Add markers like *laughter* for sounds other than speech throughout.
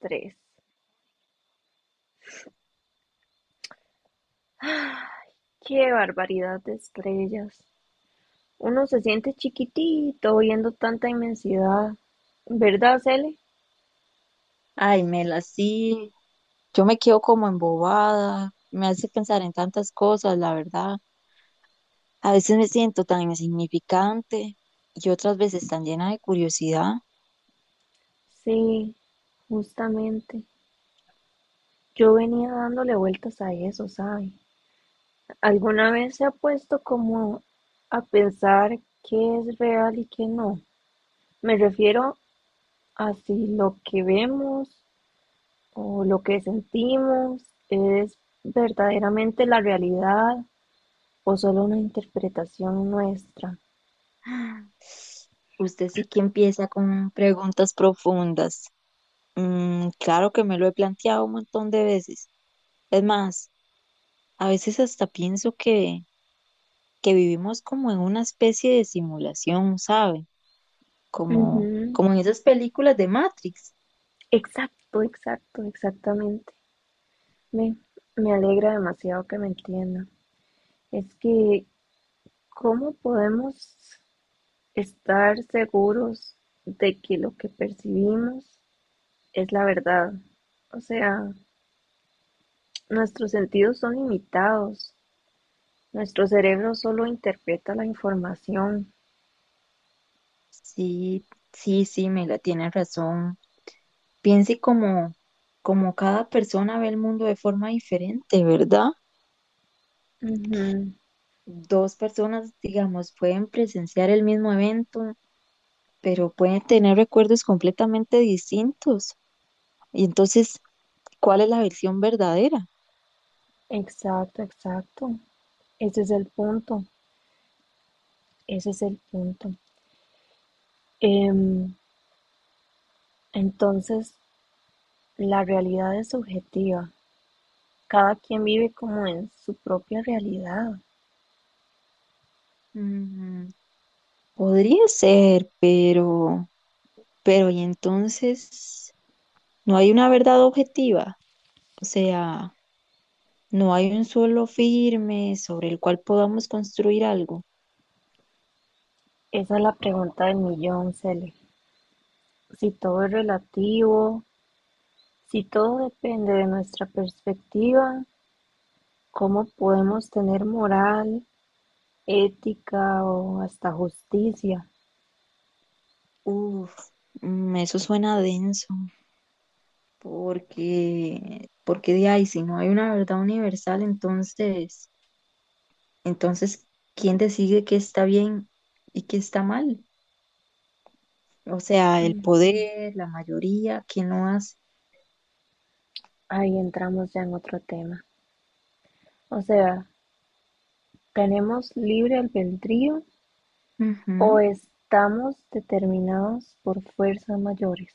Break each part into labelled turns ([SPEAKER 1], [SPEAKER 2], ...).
[SPEAKER 1] Tres. ¡Qué barbaridad de estrellas! Uno se siente chiquitito viendo tanta inmensidad. ¿Verdad, Cele?
[SPEAKER 2] Ay, Mela, sí, yo me quedo como embobada, me hace pensar en tantas cosas, la verdad. A veces me siento tan insignificante y otras veces tan llena de curiosidad.
[SPEAKER 1] Sí, justamente. Yo venía dándole vueltas a eso, ¿sabe? ¿Alguna vez se ha puesto como a pensar qué es real y qué no? Me refiero a si lo que vemos o lo que sentimos es verdaderamente la realidad o solo una interpretación nuestra.
[SPEAKER 2] *gasps* Usted sí que empieza con preguntas profundas. Mm, claro que me lo he planteado un montón de veces. Es más, a veces hasta pienso que vivimos como en una especie de simulación, ¿sabe? Como,
[SPEAKER 1] Ujú.
[SPEAKER 2] como en esas películas de Matrix.
[SPEAKER 1] Exacto, exacto, exactamente. Me, Me alegra demasiado que me entienda. Es que, ¿cómo podemos estar seguros de que lo que percibimos es la verdad? O sea, nuestros sentidos son limitados. Nuestro cerebro solo interpreta la información.
[SPEAKER 2] Sí, sí, sí, Mela, tiene razón. Piense como, como cada persona ve el mundo de forma diferente, ¿verdad?
[SPEAKER 1] Ujú.
[SPEAKER 2] Dos personas, digamos, pueden presenciar el mismo evento, pero pueden tener recuerdos completamente distintos. Y entonces, ¿cuál es la versión verdadera?
[SPEAKER 1] Exacto, exacto. Ese es el punto, ese es el punto. Em, entonces, la realidad es subjetiva, cada quien vive como en su propia realidad.
[SPEAKER 2] Mm, podría ser, pero y entonces, no hay una verdad objetiva. O sea, no hay un suelo firme sobre el cual podamos construir algo.
[SPEAKER 1] Esa es la pregunta del millón, Cele. Si todo es relativo, si todo depende de nuestra perspectiva, ¿cómo podemos tener moral, ética o hasta justicia?
[SPEAKER 2] Uf, mm, eso suena denso, porque, porque de ahí, si no hay una verdad universal, entonces, ¿quién decide qué está bien y qué está mal? O sea, el
[SPEAKER 1] Ujú.
[SPEAKER 2] poder, la mayoría, ¿quién lo hace?
[SPEAKER 1] Ahí entramos ya en otro tema. O sea, ¿tenemos libre albedrío o
[SPEAKER 2] Ujú.
[SPEAKER 1] estamos determinados por fuerzas mayores?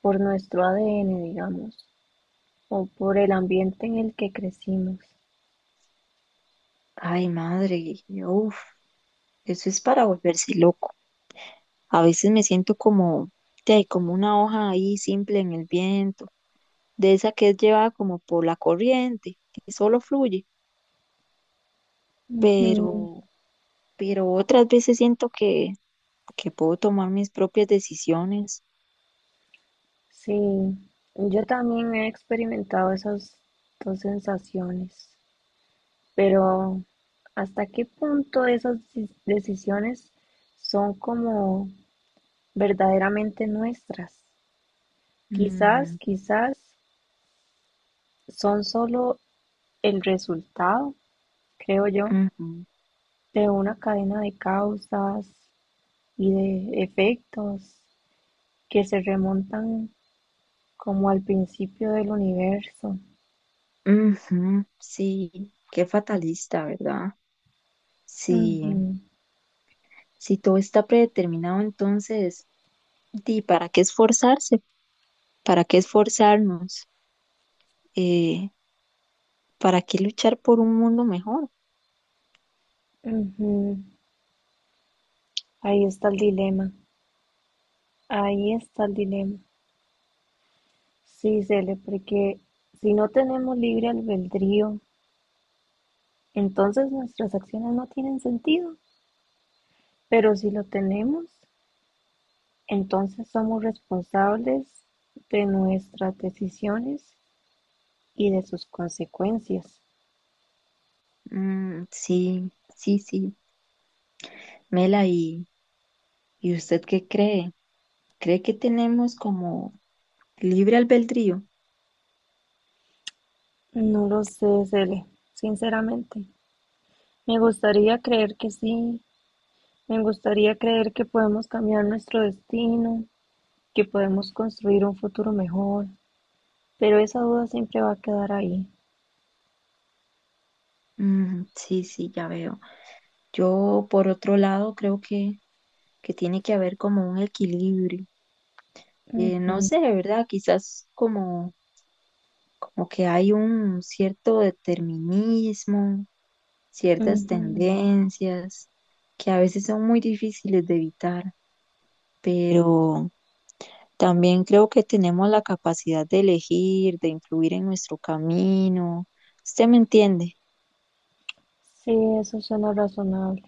[SPEAKER 1] Por nuestro ADN, digamos, o por el ambiente en el que crecimos.
[SPEAKER 2] Ay, madre, uf, eso es para volverse loco. A veces me siento como, te como una hoja ahí simple en el viento de esa que es llevada como por la corriente, que solo fluye,
[SPEAKER 1] Ujú.
[SPEAKER 2] pero, pero otras veces siento que puedo tomar mis propias decisiones.
[SPEAKER 1] Sí, yo también he experimentado esas dos sensaciones, pero ¿hasta qué punto esas decisiones son como verdaderamente nuestras?
[SPEAKER 2] Mm,
[SPEAKER 1] Quizás, quizás son solo el resultado, creo yo,
[SPEAKER 2] ujú,
[SPEAKER 1] de una cadena de causas y de efectos que se remontan como al principio del universo.
[SPEAKER 2] ujú, sí, qué fatalista, ¿verdad? Sí,
[SPEAKER 1] Ujú,
[SPEAKER 2] si todo está predeterminado, entonces, ¿y para qué esforzarse? ¿Para qué esforzarnos? Eh, ¿Para qué luchar por un mundo mejor?
[SPEAKER 1] ujú. Ahí está el dilema, ahí está el dilema. Sí, Cele, porque si no tenemos libre albedrío, entonces nuestras acciones no tienen sentido, pero si lo tenemos, entonces somos responsables de nuestras decisiones y de sus consecuencias.
[SPEAKER 2] Mm, sí, sí, sí. Mela, y... ¿Y usted qué cree? ¿Cree que tenemos como libre albedrío?
[SPEAKER 1] No lo sé, Cele, sinceramente. Me gustaría creer que sí, me gustaría creer que podemos cambiar nuestro destino, que podemos construir un futuro mejor, pero esa duda siempre va a quedar ahí.
[SPEAKER 2] Mm, sí, sí, ya veo. Yo, por otro lado, creo que tiene que haber como un equilibrio. No
[SPEAKER 1] Ujú,
[SPEAKER 2] sé, ¿verdad? Quizás como, como que hay un cierto determinismo, ciertas
[SPEAKER 1] ujú.
[SPEAKER 2] tendencias que a veces son muy difíciles de evitar, pero... También creo que tenemos la capacidad de elegir, de influir en nuestro camino. ¿Usted me entiende?
[SPEAKER 1] Sí, eso suena razonable.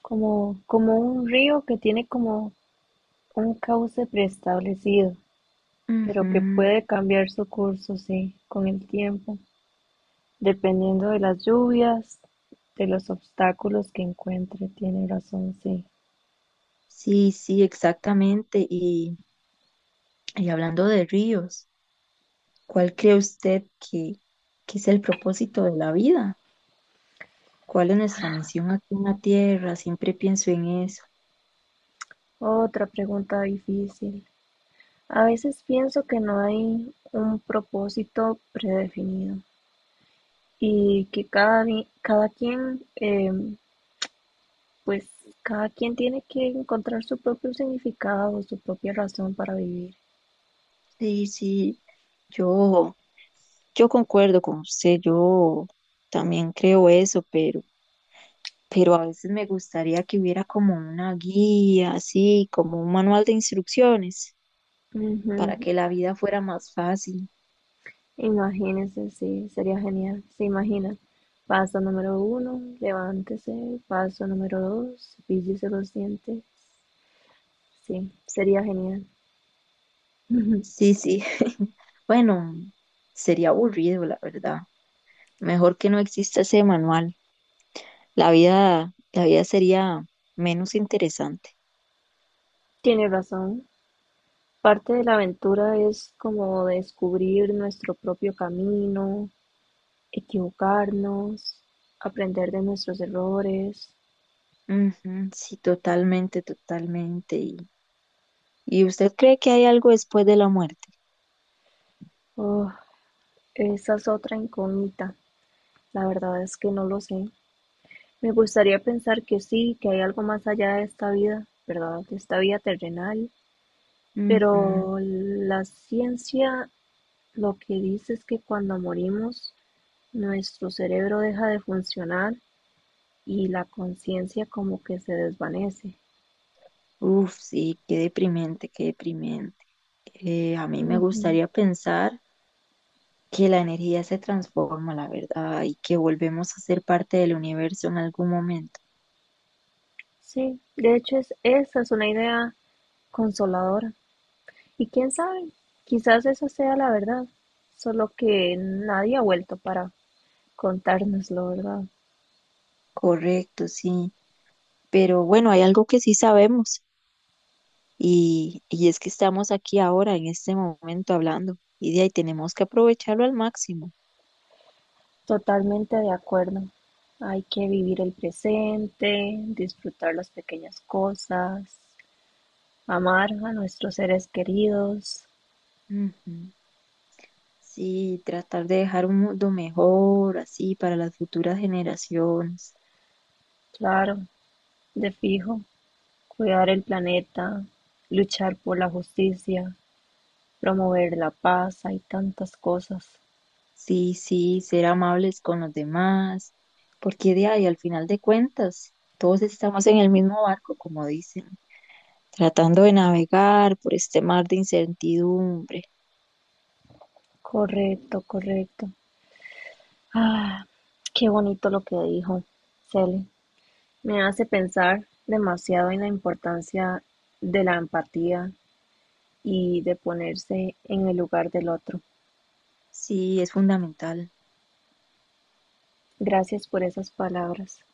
[SPEAKER 1] Como, como un río que tiene como un cauce preestablecido, pero que
[SPEAKER 2] Ujú.
[SPEAKER 1] puede cambiar su curso, sí, con el tiempo, dependiendo de las lluvias, de los obstáculos que encuentre, tiene razón, sí.
[SPEAKER 2] Sí, sí, exactamente. Y hablando de ríos, ¿cuál cree usted que es el propósito de la vida? ¿Cuál es nuestra misión aquí en la Tierra? Siempre pienso en eso.
[SPEAKER 1] Otra pregunta difícil. A veces pienso que no hay un propósito predefinido y que cada quien, pues cada quien tiene que encontrar su propio significado, o su propia razón para vivir.
[SPEAKER 2] Sí, sí, yo, yo concuerdo con usted, yo también creo eso, pero a veces me gustaría que hubiera como una guía, así, como un manual de instrucciones para
[SPEAKER 1] Ujú.
[SPEAKER 2] que la vida fuera más fácil.
[SPEAKER 1] Imagínense, sí, sería genial. Se imagina. Paso número 1, levántese. Paso número 2, cepíllese los dientes. Sí, sería genial. *laughs*
[SPEAKER 2] Sí, sí. *laughs* Bueno, sería aburrido, la verdad. Mejor que no exista ese manual. La vida sería menos interesante.
[SPEAKER 1] Tiene razón. Parte de la aventura es como descubrir nuestro propio camino, equivocarnos, aprender de nuestros errores.
[SPEAKER 2] Ujú, sí, totalmente, totalmente. Y usted cree que hay algo después de la muerte?
[SPEAKER 1] Oh, esa es otra incógnita. La verdad es que no lo sé. Me gustaría pensar que sí, que hay algo más allá de esta vida, ¿verdad? De esta vida terrenal.
[SPEAKER 2] Ujú.
[SPEAKER 1] Pero la ciencia lo que dice es que cuando morimos, nuestro cerebro deja de funcionar y la conciencia como que se desvanece.
[SPEAKER 2] Uf, sí, qué deprimente, qué deprimente. A mí me
[SPEAKER 1] Ujú.
[SPEAKER 2] gustaría pensar que la energía se transforma, la verdad, y que volvemos a ser parte del universo en algún momento.
[SPEAKER 1] Sí, de hecho es, esa es una idea consoladora. Y quién sabe, quizás esa sea la verdad, solo que nadie ha vuelto para contárnoslo, ¿verdad?
[SPEAKER 2] Correcto, sí. Pero bueno, hay algo que sí sabemos y es que estamos aquí ahora, en este momento, hablando y de ahí tenemos que aprovecharlo al máximo.
[SPEAKER 1] Totalmente de acuerdo. Hay que vivir el presente, disfrutar las pequeñas cosas, amar a nuestros seres queridos,
[SPEAKER 2] Ujú. Sí, tratar de dejar un mundo mejor, así, para las futuras generaciones.
[SPEAKER 1] claro, de fijo, cuidar el planeta, luchar por la justicia, promover la paz, hay tantas cosas.
[SPEAKER 2] Sí, sí, ser amables con los demás, porque de ahí, al final de cuentas, todos estamos en el mismo barco, como dicen. Tratando de navegar por este mar de incertidumbre.
[SPEAKER 1] Correcto, correcto. Ah, qué bonito lo que dijo Cele. Me hace pensar demasiado en la importancia de la empatía y de ponerse en el lugar del otro.
[SPEAKER 2] Sí, es fundamental.
[SPEAKER 1] Gracias por esas palabras.